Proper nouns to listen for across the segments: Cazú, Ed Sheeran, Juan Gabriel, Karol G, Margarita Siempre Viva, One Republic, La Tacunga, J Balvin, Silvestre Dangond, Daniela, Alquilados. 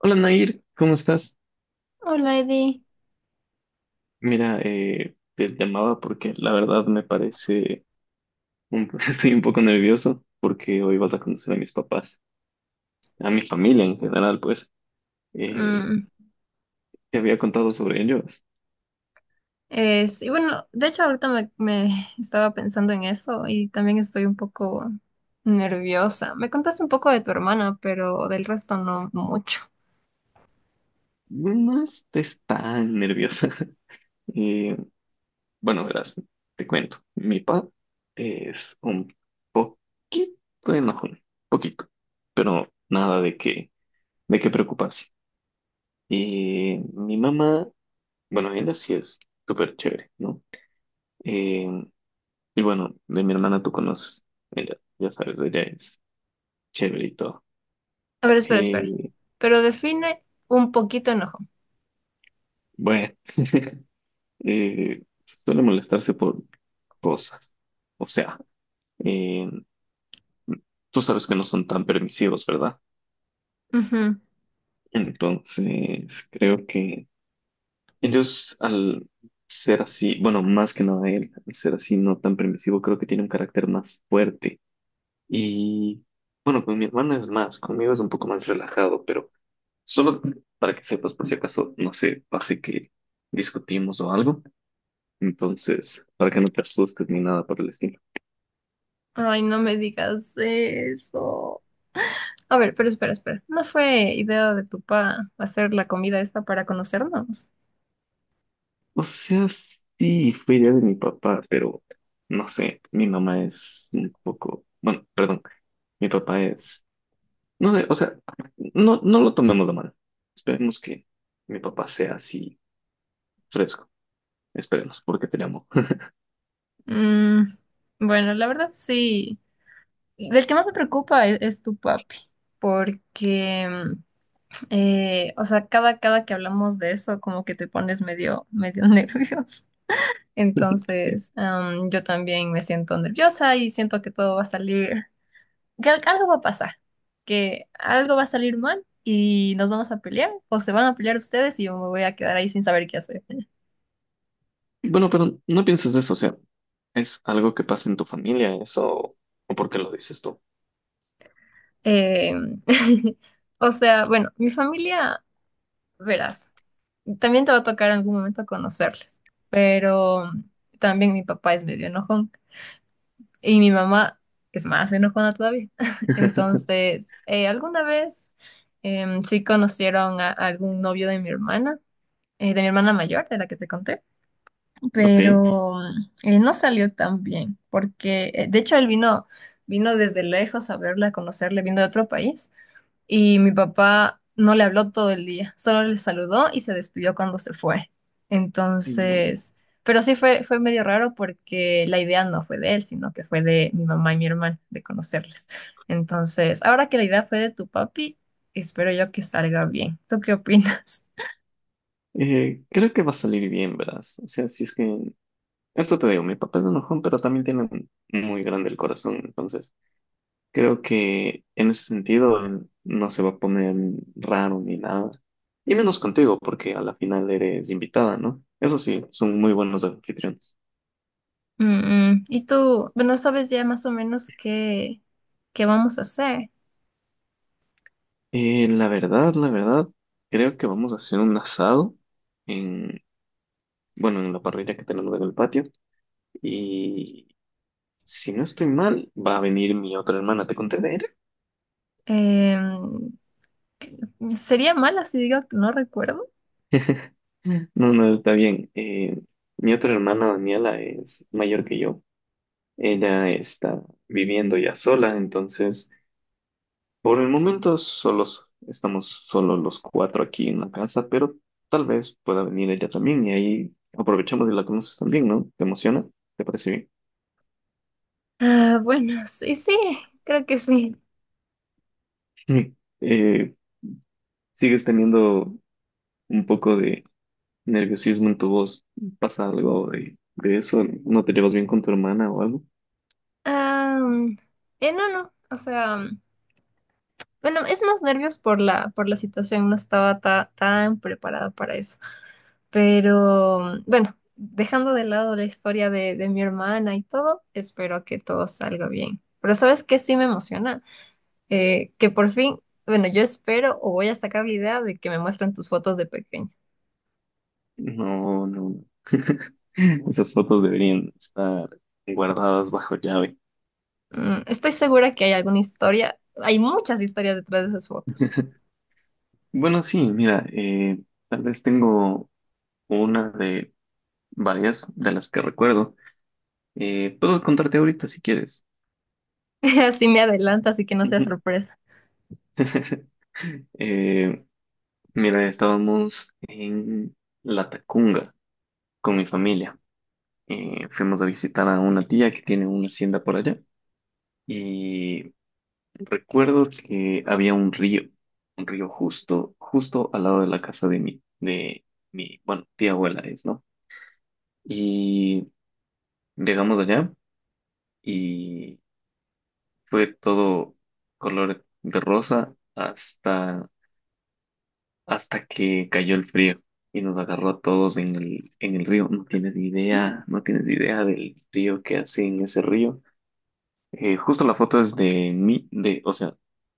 Hola Nair, ¿cómo estás? Hola, Eddie. Mira, te llamaba porque la verdad me parece, estoy un poco nervioso porque hoy vas a conocer a mis papás, a mi familia en general, pues. Eh, Mm, te había contado sobre ellos. De hecho ahorita me estaba pensando en eso y también estoy un poco nerviosa. Me contaste un poco de tu hermana, pero del resto no mucho. No estés tan nerviosa. Eh, bueno, verás, te cuento. Mi papá es un poquito enojón, poquito, pero nada de qué, de qué preocuparse. Y mi mamá, bueno, ella sí es súper chévere, ¿no? Eh, y bueno, de mi hermana tú conoces, ella, ya sabes, ella es chévere y todo. A ver, espera, espera. Eh, Pero define un poquito enojo. bueno, eh, suele molestarse por cosas. O sea, eh, tú sabes que no son tan permisivos, ¿verdad? Ujú. Entonces, creo que ellos al ser así, bueno, más que nada él, al ser así no tan permisivo, creo que tiene un carácter más fuerte. Y bueno, con mi hermana es más, conmigo es un poco más relajado, pero... Solo para que sepas, por si acaso, no sé, pase que discutimos o algo. Entonces, para que no te asustes ni nada por el estilo. Ay, no me digas eso. A ver, pero espera, espera. ¿No fue idea de tu pa hacer la comida esta para conocernos? O sea, sí, fue idea de mi papá, pero no sé, mi mamá es un poco, bueno, perdón, mi papá es, no sé, o sea, no lo tomemos de mal. Esperemos que mi papá sea así fresco. Esperemos, porque te llamo. Mm, bueno, la verdad sí. Del que más me preocupa es tu papi, porque cada que hablamos de eso, como que te pones medio nervioso. Sí. Entonces, yo también me siento nerviosa y siento que todo va a salir, que algo va a pasar, que algo va a salir mal y nos vamos a pelear, o se van a pelear ustedes y yo me voy a quedar ahí sin saber qué hacer. Bueno, pero no pienses eso, o sea, ¿es algo que pasa en tu familia eso o por qué lo dices tú? Eh, mi familia, verás. También te va a tocar en algún momento conocerles, pero también mi papá es medio enojón y mi mamá es más enojona todavía. Entonces, alguna vez sí conocieron a algún novio de mi hermana mayor, de la que te conté Ok, pero no salió tan bien, porque de hecho él vino desde lejos a verla, a conocerle, vino de otro país, y mi papá no le habló todo el día, solo le saludó y se despidió cuando se fue. no. Entonces, pero sí fue medio raro porque la idea no fue de él, sino que fue de mi mamá y mi hermana, de conocerles. Entonces, ahora que la idea fue de tu papi, espero yo que salga bien. ¿Tú qué opinas? Creo que va a salir bien, verás. O sea, si es que... Esto te digo, mi papá es enojón, pero también tiene muy grande el corazón. Entonces, creo que en ese sentido él no se va a poner raro ni nada. Y menos contigo, porque a la final eres invitada, ¿no? Eso sí, son muy buenos anfitriones. Mm, mm. Y tú, bueno, sabes ya más o menos qué vamos a hacer. La verdad, creo que vamos a hacer un asado en, bueno, en la parrilla que tenemos en el patio. Si no estoy mal, va a venir mi otra hermana. ¿Te conté de ella? Em, sería mala si digo que no recuerdo. No, no, está bien. Mi otra hermana, Daniela, es mayor que yo. Ella está viviendo ya sola, entonces por el momento solos, estamos solo los cuatro aquí en la casa, pero tal vez pueda venir ella también y ahí aprovechamos y la conoces también, ¿no? ¿Te emociona? ¿Te parece Ah, bueno, sí, sí, creo que sí. bien? Mm. Eh, ¿Sigues teniendo un poco de nerviosismo en tu voz? ¿Pasa algo de eso? ¿No te llevas bien con tu hermana o algo? Am, no, no, es más nervios por por la situación, no estaba tan preparada para eso. Pero dejando de lado la historia de mi hermana y todo, espero que todo salga bien. Pero ¿sabes qué? Sí me emociona. Que por fin, bueno, yo espero o voy a sacar la idea de que me muestren tus fotos de pequeño. No, no, no. Esas fotos deberían estar guardadas bajo llave. Mm, estoy segura que hay alguna historia, hay muchas historias detrás de esas fotos. Bueno, sí, mira, tal vez tengo una de varias de las que recuerdo. Puedo contarte ahorita si quieres. Así me adelanto, así que no sea Ujú. sorpresa. Eh, mira, estábamos en La Tacunga con mi familia. Fuimos a visitar a una tía que tiene una hacienda por allá. Y recuerdo que había un río justo, justo al lado de la casa de bueno, tía abuela es, ¿no? Y llegamos allá y fue todo color de rosa hasta, hasta que cayó el frío y nos agarró a todos en el río. No tienes idea, no tienes idea del frío que hace en ese río. Justo la foto es de mí, de, o sea,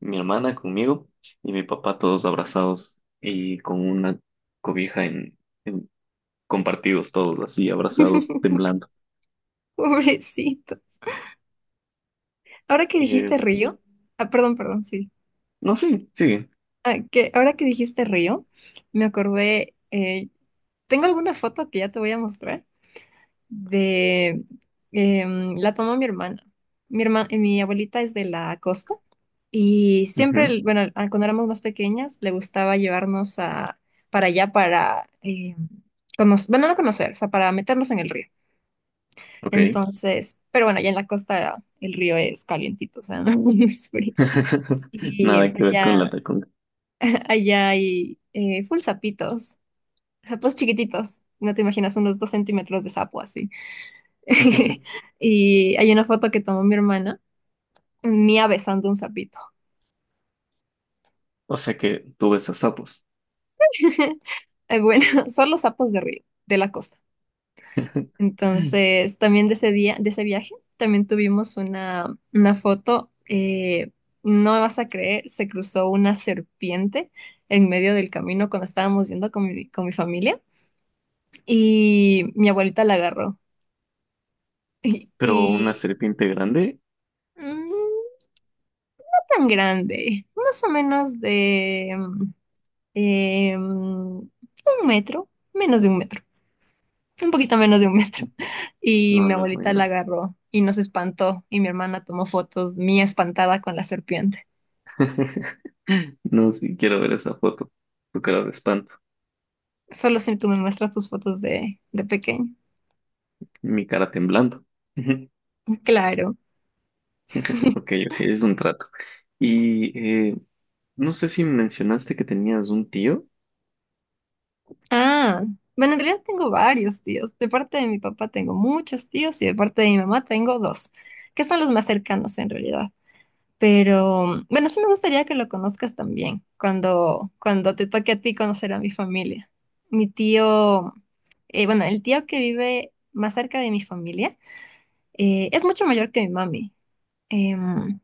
mi hermana conmigo y mi papá todos abrazados y con una cobija en, en- compartidos todos así, abrazados, temblando. Pobrecito. Ahora que dijiste Es, río, ah, perdón, perdón, sí. no, sí, sigue. Ah, que ahora que dijiste río, me acordé, tengo alguna foto que ya te voy a mostrar de la tomó mi hermana. Mi abuelita es de la costa y siempre, Ujú, bueno, cuando éramos más pequeñas, le gustaba llevarnos para allá para, bueno, no conocer, o sea, para meternos en el río. ok. Entonces, pero bueno, allá en la costa el río es calientito, o sea, no es frío. Y Nada que ver con allá, la tacón. allá hay full sapitos, sapos chiquititos, no te imaginas, unos 2 cm de sapo Y hay una foto que tomó mi hermana, mía besando un sapito. O sea que tú ves a sapos. Bueno, son los sapos de río, de la costa. Entonces, también de ese día, de ese viaje, también tuvimos una foto. No me vas a creer, se cruzó una serpiente en medio del camino cuando estábamos yendo con mi familia y mi abuelita la agarró. Y, Pero una y, serpiente grande, mm, no tan grande, más o menos de 1 m, menos de 1 m, un poquito menos de 1 m. Y no, mi no es muy abuelita la grande. agarró y nos espantó y mi hermana tomó fotos mía espantada con la serpiente. No, sí, quiero ver esa foto. Tu cara de espanto, Solo si tú me muestras tus fotos de pequeño. mi cara temblando. Claro. Ok, ok, es un trato. Y eh, no sé si mencionaste que tenías un tío. Ah, bueno, en realidad tengo varios tíos. De parte de mi papá tengo muchos tíos y de parte de mi mamá tengo dos, que son los más cercanos en realidad. Pero bueno, sí me gustaría que lo conozcas también cuando te toque a ti conocer a mi familia. Mi tío, bueno, el tío que vive más cerca de mi familia es mucho mayor que mi mami em,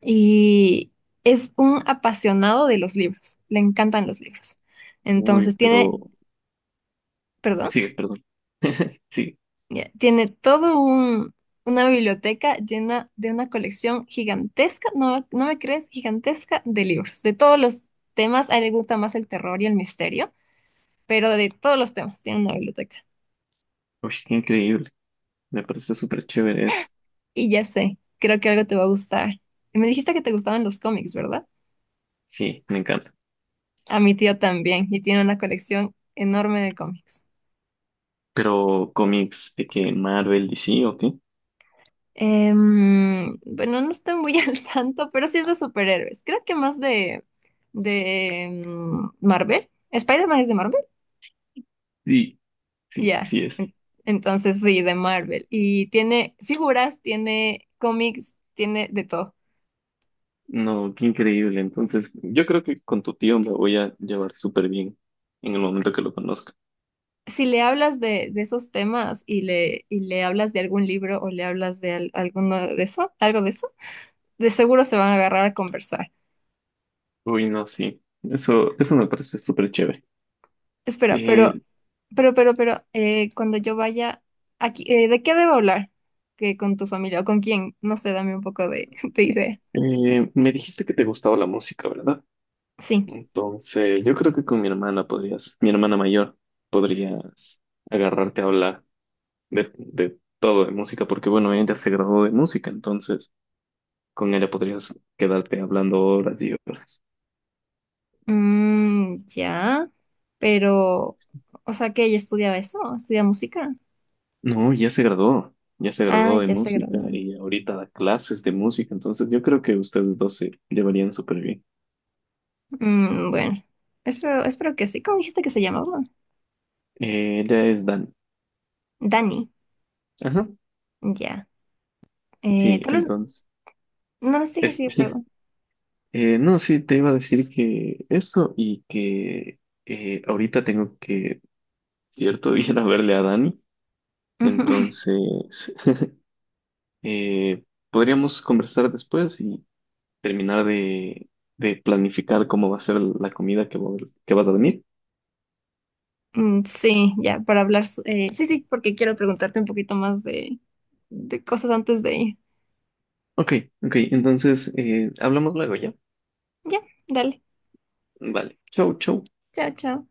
y es un apasionado de los libros, le encantan los libros. Uy, Entonces tiene, pero perdón. sigue, perdón. Sí, Ya, tiene una biblioteca llena de una colección gigantesca, no, no me crees, gigantesca de libros, de todos los temas. A él le gusta más el terror y el misterio, pero de todos los temas tiene una biblioteca. uy, qué increíble. Me parece súper chévere eso. Y ya sé, creo que algo te va a gustar. Y me dijiste que te gustaban los cómics, ¿verdad? Sí, me encanta. A mi tío también, y tiene una colección enorme de cómics. Pero cómics de que Marvel, DC, ¿o qué? Bueno, no estoy muy al tanto, pero sí es de superhéroes. Creo que más de Marvel. Spider-Man es de Marvel. Sí, sí, Ya, sí es. Entonces sí, de Marvel. Y tiene figuras, tiene cómics, tiene de todo. No, qué increíble. Entonces, yo creo que con tu tío me voy a llevar súper bien en el momento que lo conozca. Si le hablas de esos temas y y le hablas de algún libro o le hablas de alguno de eso, algo de eso, de seguro se van a agarrar a conversar. Uy, no, sí. Eso me parece súper chévere. Espera, pero, Eh, pero, pero, pero, eh, cuando yo vaya aquí, ¿de qué debo hablar? ¿Que con tu familia o con quién? No sé, dame un poco de, de idea. Me dijiste que te gustaba la música, ¿verdad? Sí. Entonces, yo creo que con mi hermana podrías, mi hermana mayor, podrías agarrarte a hablar de todo, de música, porque bueno, ella se graduó de música, entonces con ella podrías quedarte hablando horas y horas. Mm, ya, pero, o sea que ella estudia música. No, ya se Ah, graduó de ya se música graduó. y ahorita da clases de música, entonces yo creo que ustedes dos se llevarían súper bien. Mm, bueno, espero que sí. ¿Cómo dijiste que se llamaba? Ella es Dan. Dani. Ajá. Ya. Sí, Tal vez, entonces, no les dije es, sí, perdón. No, sí, te iba a decir que eso y que ahorita tengo que, cierto, ir a verle a Dani. Ujú. Entonces, eh, podríamos conversar después y terminar de planificar cómo va a ser la comida que, que vas a venir. Mm, sí, ya, para hablar. Sí, sí, porque quiero preguntarte un poquito más de cosas antes de ir. Ok, ok, entonces hablamos luego ya. Ya, dale. Vale, chau, chau. Chao, chao.